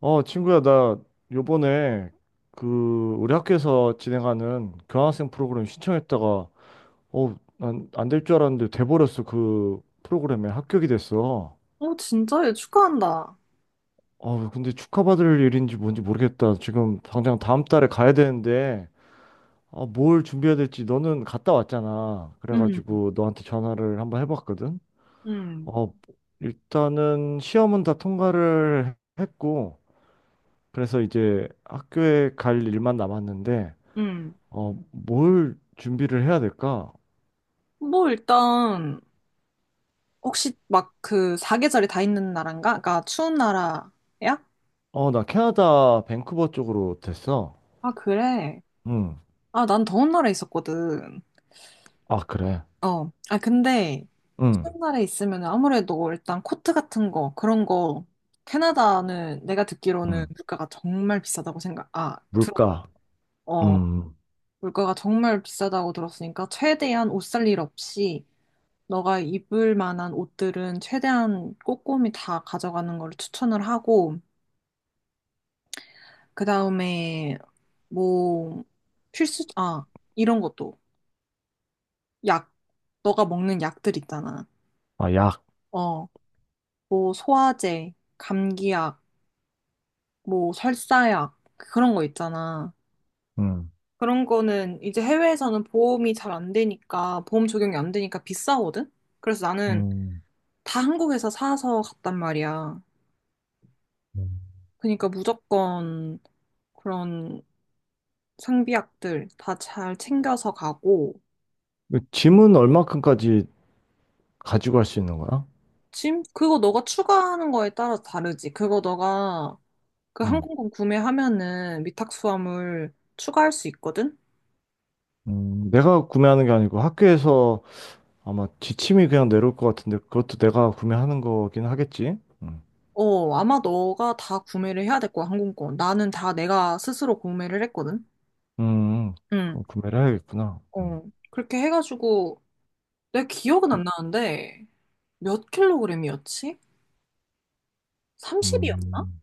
친구야, 나 요번에 그 우리 학교에서 진행하는 교환학생 프로그램 신청했다가 난 안 될 줄 알았는데 돼버렸어. 그 프로그램에 합격이 됐어. 어, 진짜? 요 축하한다. 근데 축하받을 일인지 뭔지 모르겠다. 지금 당장 다음 달에 가야 되는데 뭘 준비해야 될지 너는 갔다 왔잖아. 음, 그래가지고 너한테 전화를 한번 해봤거든. 음, 어, 일단은 시험은 다 통과를 했고 그래서 이제 학교에 갈 일만 남았는데 음. 뭘 준비를 해야 될까? 뭐, 일단, 혹시 막 그 사계절이 다 있는 나라인가? 그러니까 추운 나라야? 나 캐나다 밴쿠버 쪽으로 됐어. 아, 그래. 응. 아, 난 더운 나라에 있었거든. 아, 그래. 어. 아, 근데 응. 추운 나라에 있으면 아무래도 일단 코트 같은 거, 그런 거, 캐나다는 내가 듣기로는 응. 물가가 정말 비싸다고 들었거든. 물가. 어. 음. 물가가 정말 비싸다고 들었으니까 최대한 옷 살 일 없이 너가 입을 만한 옷들은 최대한 꼼꼼히 다 가져가는 걸 추천을 하고, 그 다음에 뭐 필수, 아, 이런 것도 약, 너가 먹는 약들 있잖아. 아, 약. 어, 뭐 소화제, 감기약, 뭐 설사약, 그런 거 있잖아. 응. 그런 거는 이제 해외에서는 보험이 잘 안 되니까, 보험 적용이 안 되니까 비싸거든? 그래서 나는 음. 다 한국에서 사서 갔단 말이야. 음. 그러니까 무조건 그런 상비약들 다 잘 챙겨서 가고, 그 짐은 얼마큼까지 가지고 갈 수 있는 거야? 짐? 그거 너가 추가하는 거에 따라서 다르지. 그거 너가 그 응. 항공권 구매하면은 위탁 수화물 추가할 수 있거든? 내가 구매하는 게 아니고 학교에서 아마 지침이 그냥 내려올 것 같은데 그것도 내가 구매하는 거긴 하겠지? 응. 어, 아마 너가 다 구매를 해야 될 거야, 항공권. 나는 다 내가 스스로 구매를 했거든? 음, 응, 그럼 구매를 해야겠구나. 음. 어. 그렇게 해가지고, 내 기억은 안 그- 나는데, 몇 킬로그램이었지? 30이었나? 음.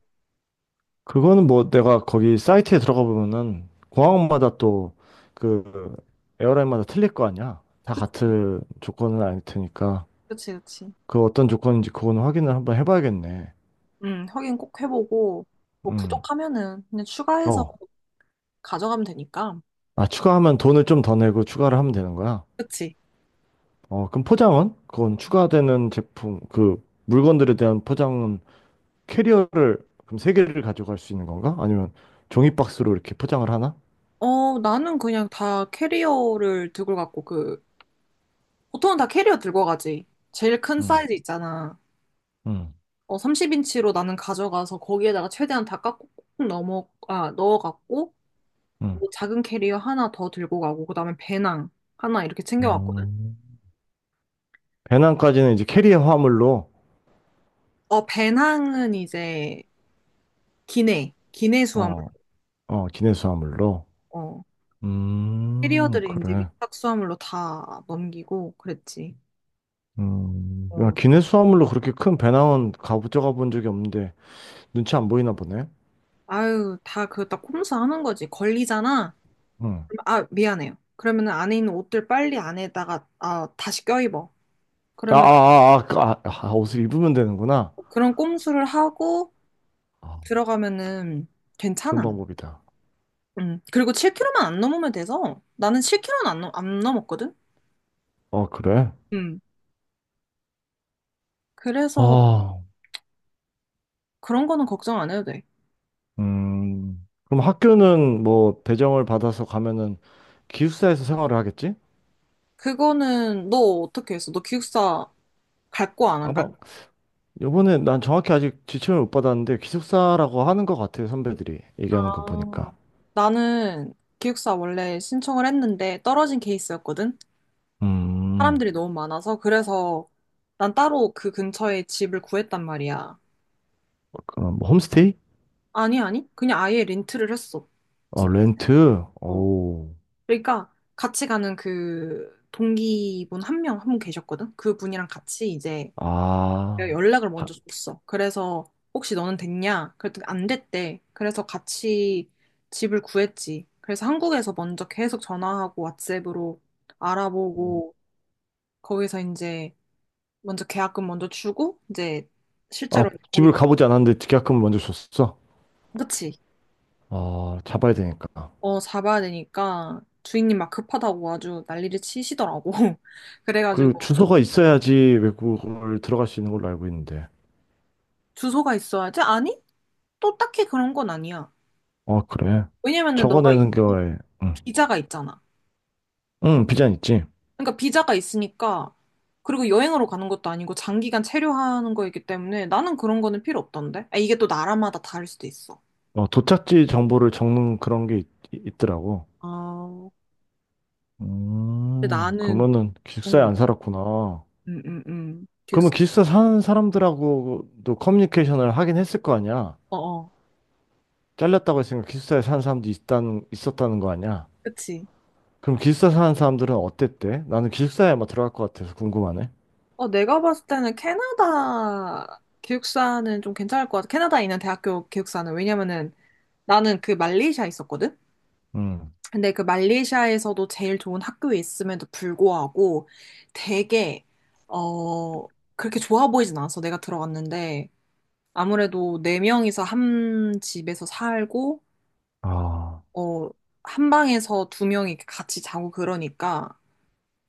그거는 뭐 내가 거기 사이트에 들어가 보면은 공항마다 또 그 에어라인마다 틀릴 거 아니야. 다 그치, 같은 조건은 아닐 테니까 그치, 그치. 그 어떤 조건인지 그거는 확인을 한번 해봐야겠네. 응, 확인 꼭 해보고, 뭐 음. 부족하면은 그냥 추가해서 어. 가져가면 되니까. 아, 추가하면 돈을 좀 더 내고 추가를 하면 되는 거야. 그치? 어, 그럼 포장은? 그건 추가되는 제품, 그 물건들에 대한 포장은 캐리어를 그럼 세 개를 가져갈 수 있는 건가? 아니면 종이 박스로 이렇게 포장을 하나? 어, 나는 그냥 다 캐리어를 들고 갔고, 그, 보통은 다 캐리어 들고 가지. 제일 큰 응, 사이즈 있잖아. 응, 어, 30인치로 나는 가져가서 거기에다가 최대한 다 깎고 꾹꾹 넣어갖고, 뭐 작은 캐리어 하나 더 들고 가고, 그 다음에 배낭 하나 이렇게 챙겨왔거든. 응. 배낭까지는 이제 캐리어 화물로, 어, 배낭은 이제 기내 수화물. 어, 어, 기내수 화물로. 어, 캐리어들은 이제 그래. 밑밥 수화물로 다 넘기고 그랬지. 야, 어, 기내수 화물로 그렇게 큰 배낭은 가져가 본 적이 없는데, 눈치 안 보이나 보네. 아유, 다 그, 딱 꼼수 하는 거지. 걸리잖아. 응. 아, 미안해요. 그러면은 안에 있는 옷들 빨리 안에다가 다시 껴입어. 아, 아, 그러면 아, 아, 아, 아, 옷을 입으면 되는구나. 그런 꼼수를 하고 아, 들어가면은 좋은 괜찮아. 방법이다. 음. 그리고 7kg만 안 넘으면 돼서 나는 7kg는 안 넘었거든? 어, 그래. 음. 그래서 아, 그런 거는 걱정 안 해도 돼. 그럼 학교는 뭐, 배정을 받아서 가면은 기숙사에서 생활을 하겠지? 그거는 너 어떻게 했어? 너 기숙사 갈 거 안 갈 아마 거? 요번에 난 정확히 아직 지침을 못 받았는데 기숙사라고 하는 것 같아요, 선배들이 아. 얘기하는 거 보니까. 나는 기숙사 원래 신청을 했는데 떨어진 케이스였거든? 음, 사람들이 너무 많아서 그래서 난 따로 그 근처에 집을 구했단 말이야. 그럼 뭐 홈스테이? 아니, 아니. 그냥 아예 렌트를 했어. 어, 집. 렌트? 어. 오, 그러니까 같이 가는 그 동기분 한 명, 한 분 계셨거든? 그분이랑 같이 이제 내가 아, 연락을 먼저 줬어. 그래서 혹시 너는 됐냐? 그랬더니 안 됐대. 그래서 같이 집을 구했지. 그래서 한국에서 먼저 계속 전화하고 왓츠앱으로 알아보고 거기서 이제 먼저 계약금 먼저 주고 이제 아, 실제로 아, 네. 거기. 집을 가보지 않았는데 계약금을 먼저 줬어? 그치. 아, 잡아야 되니까. 어, 잡아야 되니까 주인님 막 급하다고 아주 난리를 치시더라고. 그래가지고. 그리고 주소가 있어야지 외국을 들어갈 수 있는 걸로 알고 있는데. 주소가 있어야지? 아니, 또 딱히 그런 건 아니야. 아, 그래. 왜냐면은 적어내는 거에, 응, 비자가 있잖아. 응, 비자는 있지. 그러니까 비자가 있으니까. 그리고 여행으로 가는 것도 아니고 장기간 체류하는 거이기 때문에 나는 그런 거는 필요 없던데, 이게 또 나라마다 다를 수도 있어. 어, 도착지 정보를 적는 있더라고. 아, 근데 나는. 그러면은 기숙사에 안 살았구나. 응응응. 그러면 기획사. 기숙사 사는 사람들하고도 커뮤니케이션을 하긴 했을 거 아니야? 어어. 잘렸다고 했으니까 기숙사에 사는 있었다는 거 아니야? 그치. 그럼 기숙사 사는 사람들은 어땠대? 나는 기숙사에 아마 들어갈 것 같아서 궁금하네. 어, 내가 봤을 때는 캐나다 기숙사는 좀 괜찮을 것 같아. 캐나다에 있는 대학교 기숙사는. 왜냐면은 나는 그 말레이시아에 있었거든? 음. 근데 그 말레이시아에서도 제일 좋은 학교에 있음에도 불구하고 되게, 어, 그렇게 좋아 보이진 않았어. 내가 들어갔는데. 아무래도 네명이서한 집에서 살고, 아, 어, 한 방에서 두명이 같이 자고 그러니까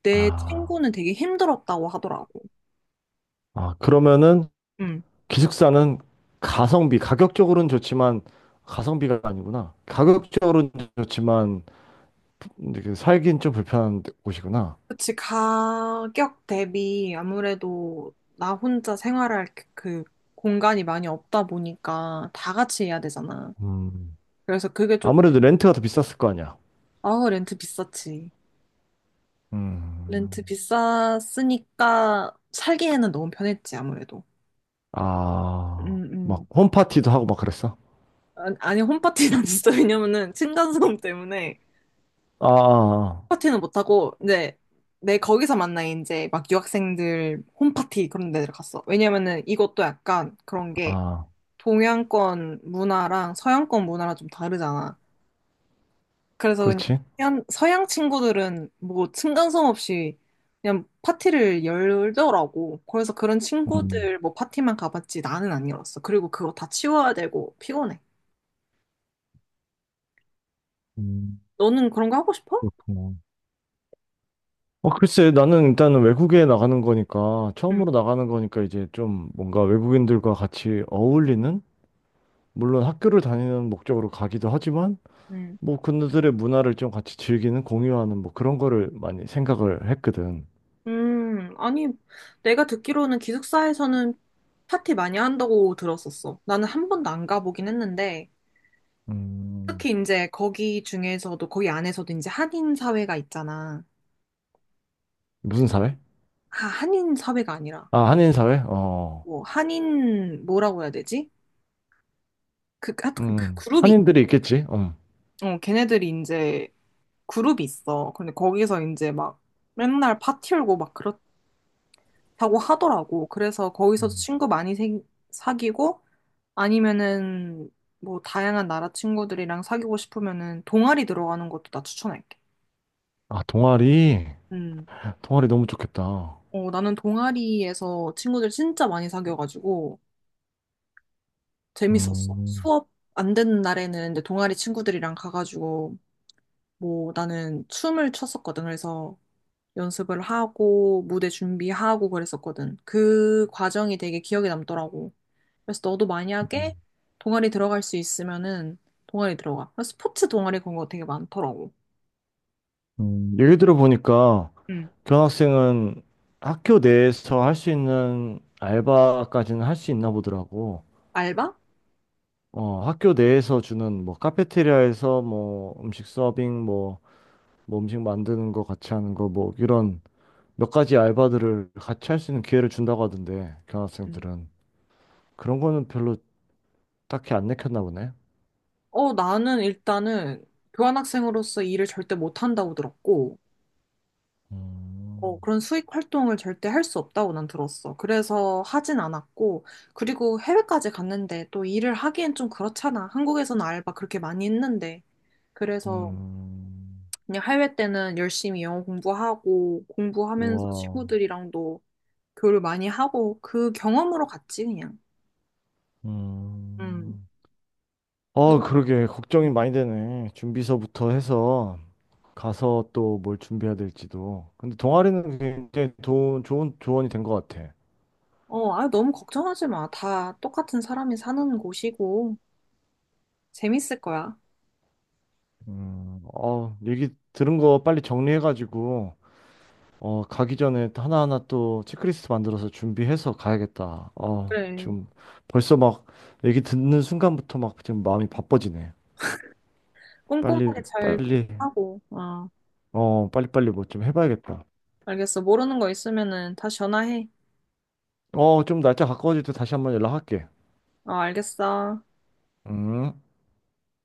내 아, 친구는 되게 힘들었다고 하더라고. 아, 그러면은 응. 기숙사는 가격적으로는 좋지만 가성비가 아니구나. 가격적으로는 좋지만 이렇게 살긴 좀 불편한 곳이구나. 그치, 가격 대비 아무래도 나 혼자 생활할 그그 공간이 많이 없다 보니까 다 같이 해야 되잖아. 음. 그래서 그게 조금, 아무래도 렌트가 더 비쌌을 거 아니야. 아, 렌트 비쌌지. 렌트 음, 비쌌으니까 살기에는 너무 편했지, 아무래도. 음, 아, 막 음. 홈파티도 하고 막 그랬어? 아니, 아니, 홈파티는 진짜 왜냐면은 층간소음 때문에 아, 아, 파티는 못하고 이제 내 거기서 만나 이제 막 유학생들 홈파티 그런 데를 갔어. 왜냐면은 이것도 약간 그런 아, 게 아. 동양권 문화랑 서양권 문화랑 좀 다르잖아. 그래서 그냥 그렇지. 서양 친구들은 뭐 층간소음 없이 그냥 파티를 열더라고. 그래서 그런 음, 친구들 뭐 파티만 가봤지 나는 안 열었어. 그리고 그거 다 치워야 되고 피곤해. 음, 너는 그런 거 하고 싶어? 그렇구나. 어, 글쎄, 나는 일단은 외국에 나가는 거니까, 응. 처음으로 나가는 거니까 이제 좀 뭔가 외국인들과 같이 어울리는? 물론 학교를 다니는 목적으로 가기도 하지만, 응. 뭐 그들의 문화를 좀 같이 즐기는, 공유하는 뭐 그런 거를 많이 생각을 했거든. 아니, 내가 듣기로는 기숙사에서는 파티 많이 한다고 들었었어. 나는 한 번도 안 가보긴 했는데, 음, 특히 이제 거기 중에서도, 거기 안에서도 이제 한인 사회가 있잖아. 무슨 사회? 아, 한인 사회가 아니라 아, 한인 사회? 어. 뭐 한인 뭐라고 해야 되지? 그 하여튼 그 그룹이. 한인들이 있겠지. 어. 어, 걔네들이 이제 그룹이 있어. 근데 거기서 이제 막 맨날 파티 열고 막 그렇다고 하더라고. 그래서 거기서도 음. 친구 많이 사귀고. 아니면은 뭐 다양한 나라 친구들이랑 사귀고 싶으면은 동아리 들어가는 것도 나 추천할게. 아, 동아리. 음. 동아리 너무 좋겠다. 어, 나는 동아리에서 친구들 진짜 많이 사귀어가지고 재밌었어. 음, 수업 안 되는 날에는 이제 동아리 친구들이랑 가가지고 뭐 나는 춤을 췄었거든. 그래서 연습을 하고 무대 준비하고 그랬었거든. 그 과정이 되게 기억에 남더라고. 그래서 너도 음, 만약에 동아리 들어갈 수 있으면은 동아리 들어가. 그래서 스포츠 동아리 그런 거 되게 많더라고. 얘기 들어보니까 응, 교환학생은 학교 내에서 할 수 있는 알바까지는 할 수 있나 보더라고. 알바? 어, 학교 내에서 주는 뭐 카페테리아에서 뭐 음식 서빙 뭐, 뭐 음식 만드는 거 같이 하는 거 뭐 이런 몇 가지 알바들을 같이 할 수 있는 기회를 준다고 하던데 응. 교환학생들은 그런 거는 별로 딱히 안 내켰나 보네. 어, 나는 일단은 교환학생으로서 일을 절대 못한다고 들었고, 어, 음. 그런 수익 활동을 절대 할 수 없다고 난 들었어. 그래서 하진 않았고, 그리고 해외까지 갔는데 또 일을 하기엔 좀 그렇잖아. 한국에서는 알바 그렇게 많이 했는데. 그래서 음, 그냥 해외 때는 열심히 영어 공부하고, 공부하면서 와, 친구들이랑도 교류 많이 하고, 그 경험으로 갔지, 그냥. 음. 음. 아, 그러게. 걱정이 많이 되네. 준비서부터 해서 가서 또 뭘 준비해야 될지도. 근데 동아리는 좋은 조언이 된 것 같아. 어, 아, 너무 걱정하지 마. 다 똑같은 사람이 사는 곳이고, 재밌을 거야. 어, 얘기 들은 거 빨리 정리해가지고, 어, 가기 전에 하나하나 또 체크리스트 만들어서 준비해서 가야겠다. 어, 그래. 지금 벌써 막 얘기 듣는 순간부터 막 지금 마음이 바빠지네. 빨리, 꼼꼼하게 잘 빨리, 하고, 어. 어, 빨리빨리 뭐 좀 해봐야겠다. 알겠어. 모르는 거 있으면은 다시 전화해. 어, 좀 날짜 가까워질 때 다시 한번 연락할게. 어, 알겠어. 음.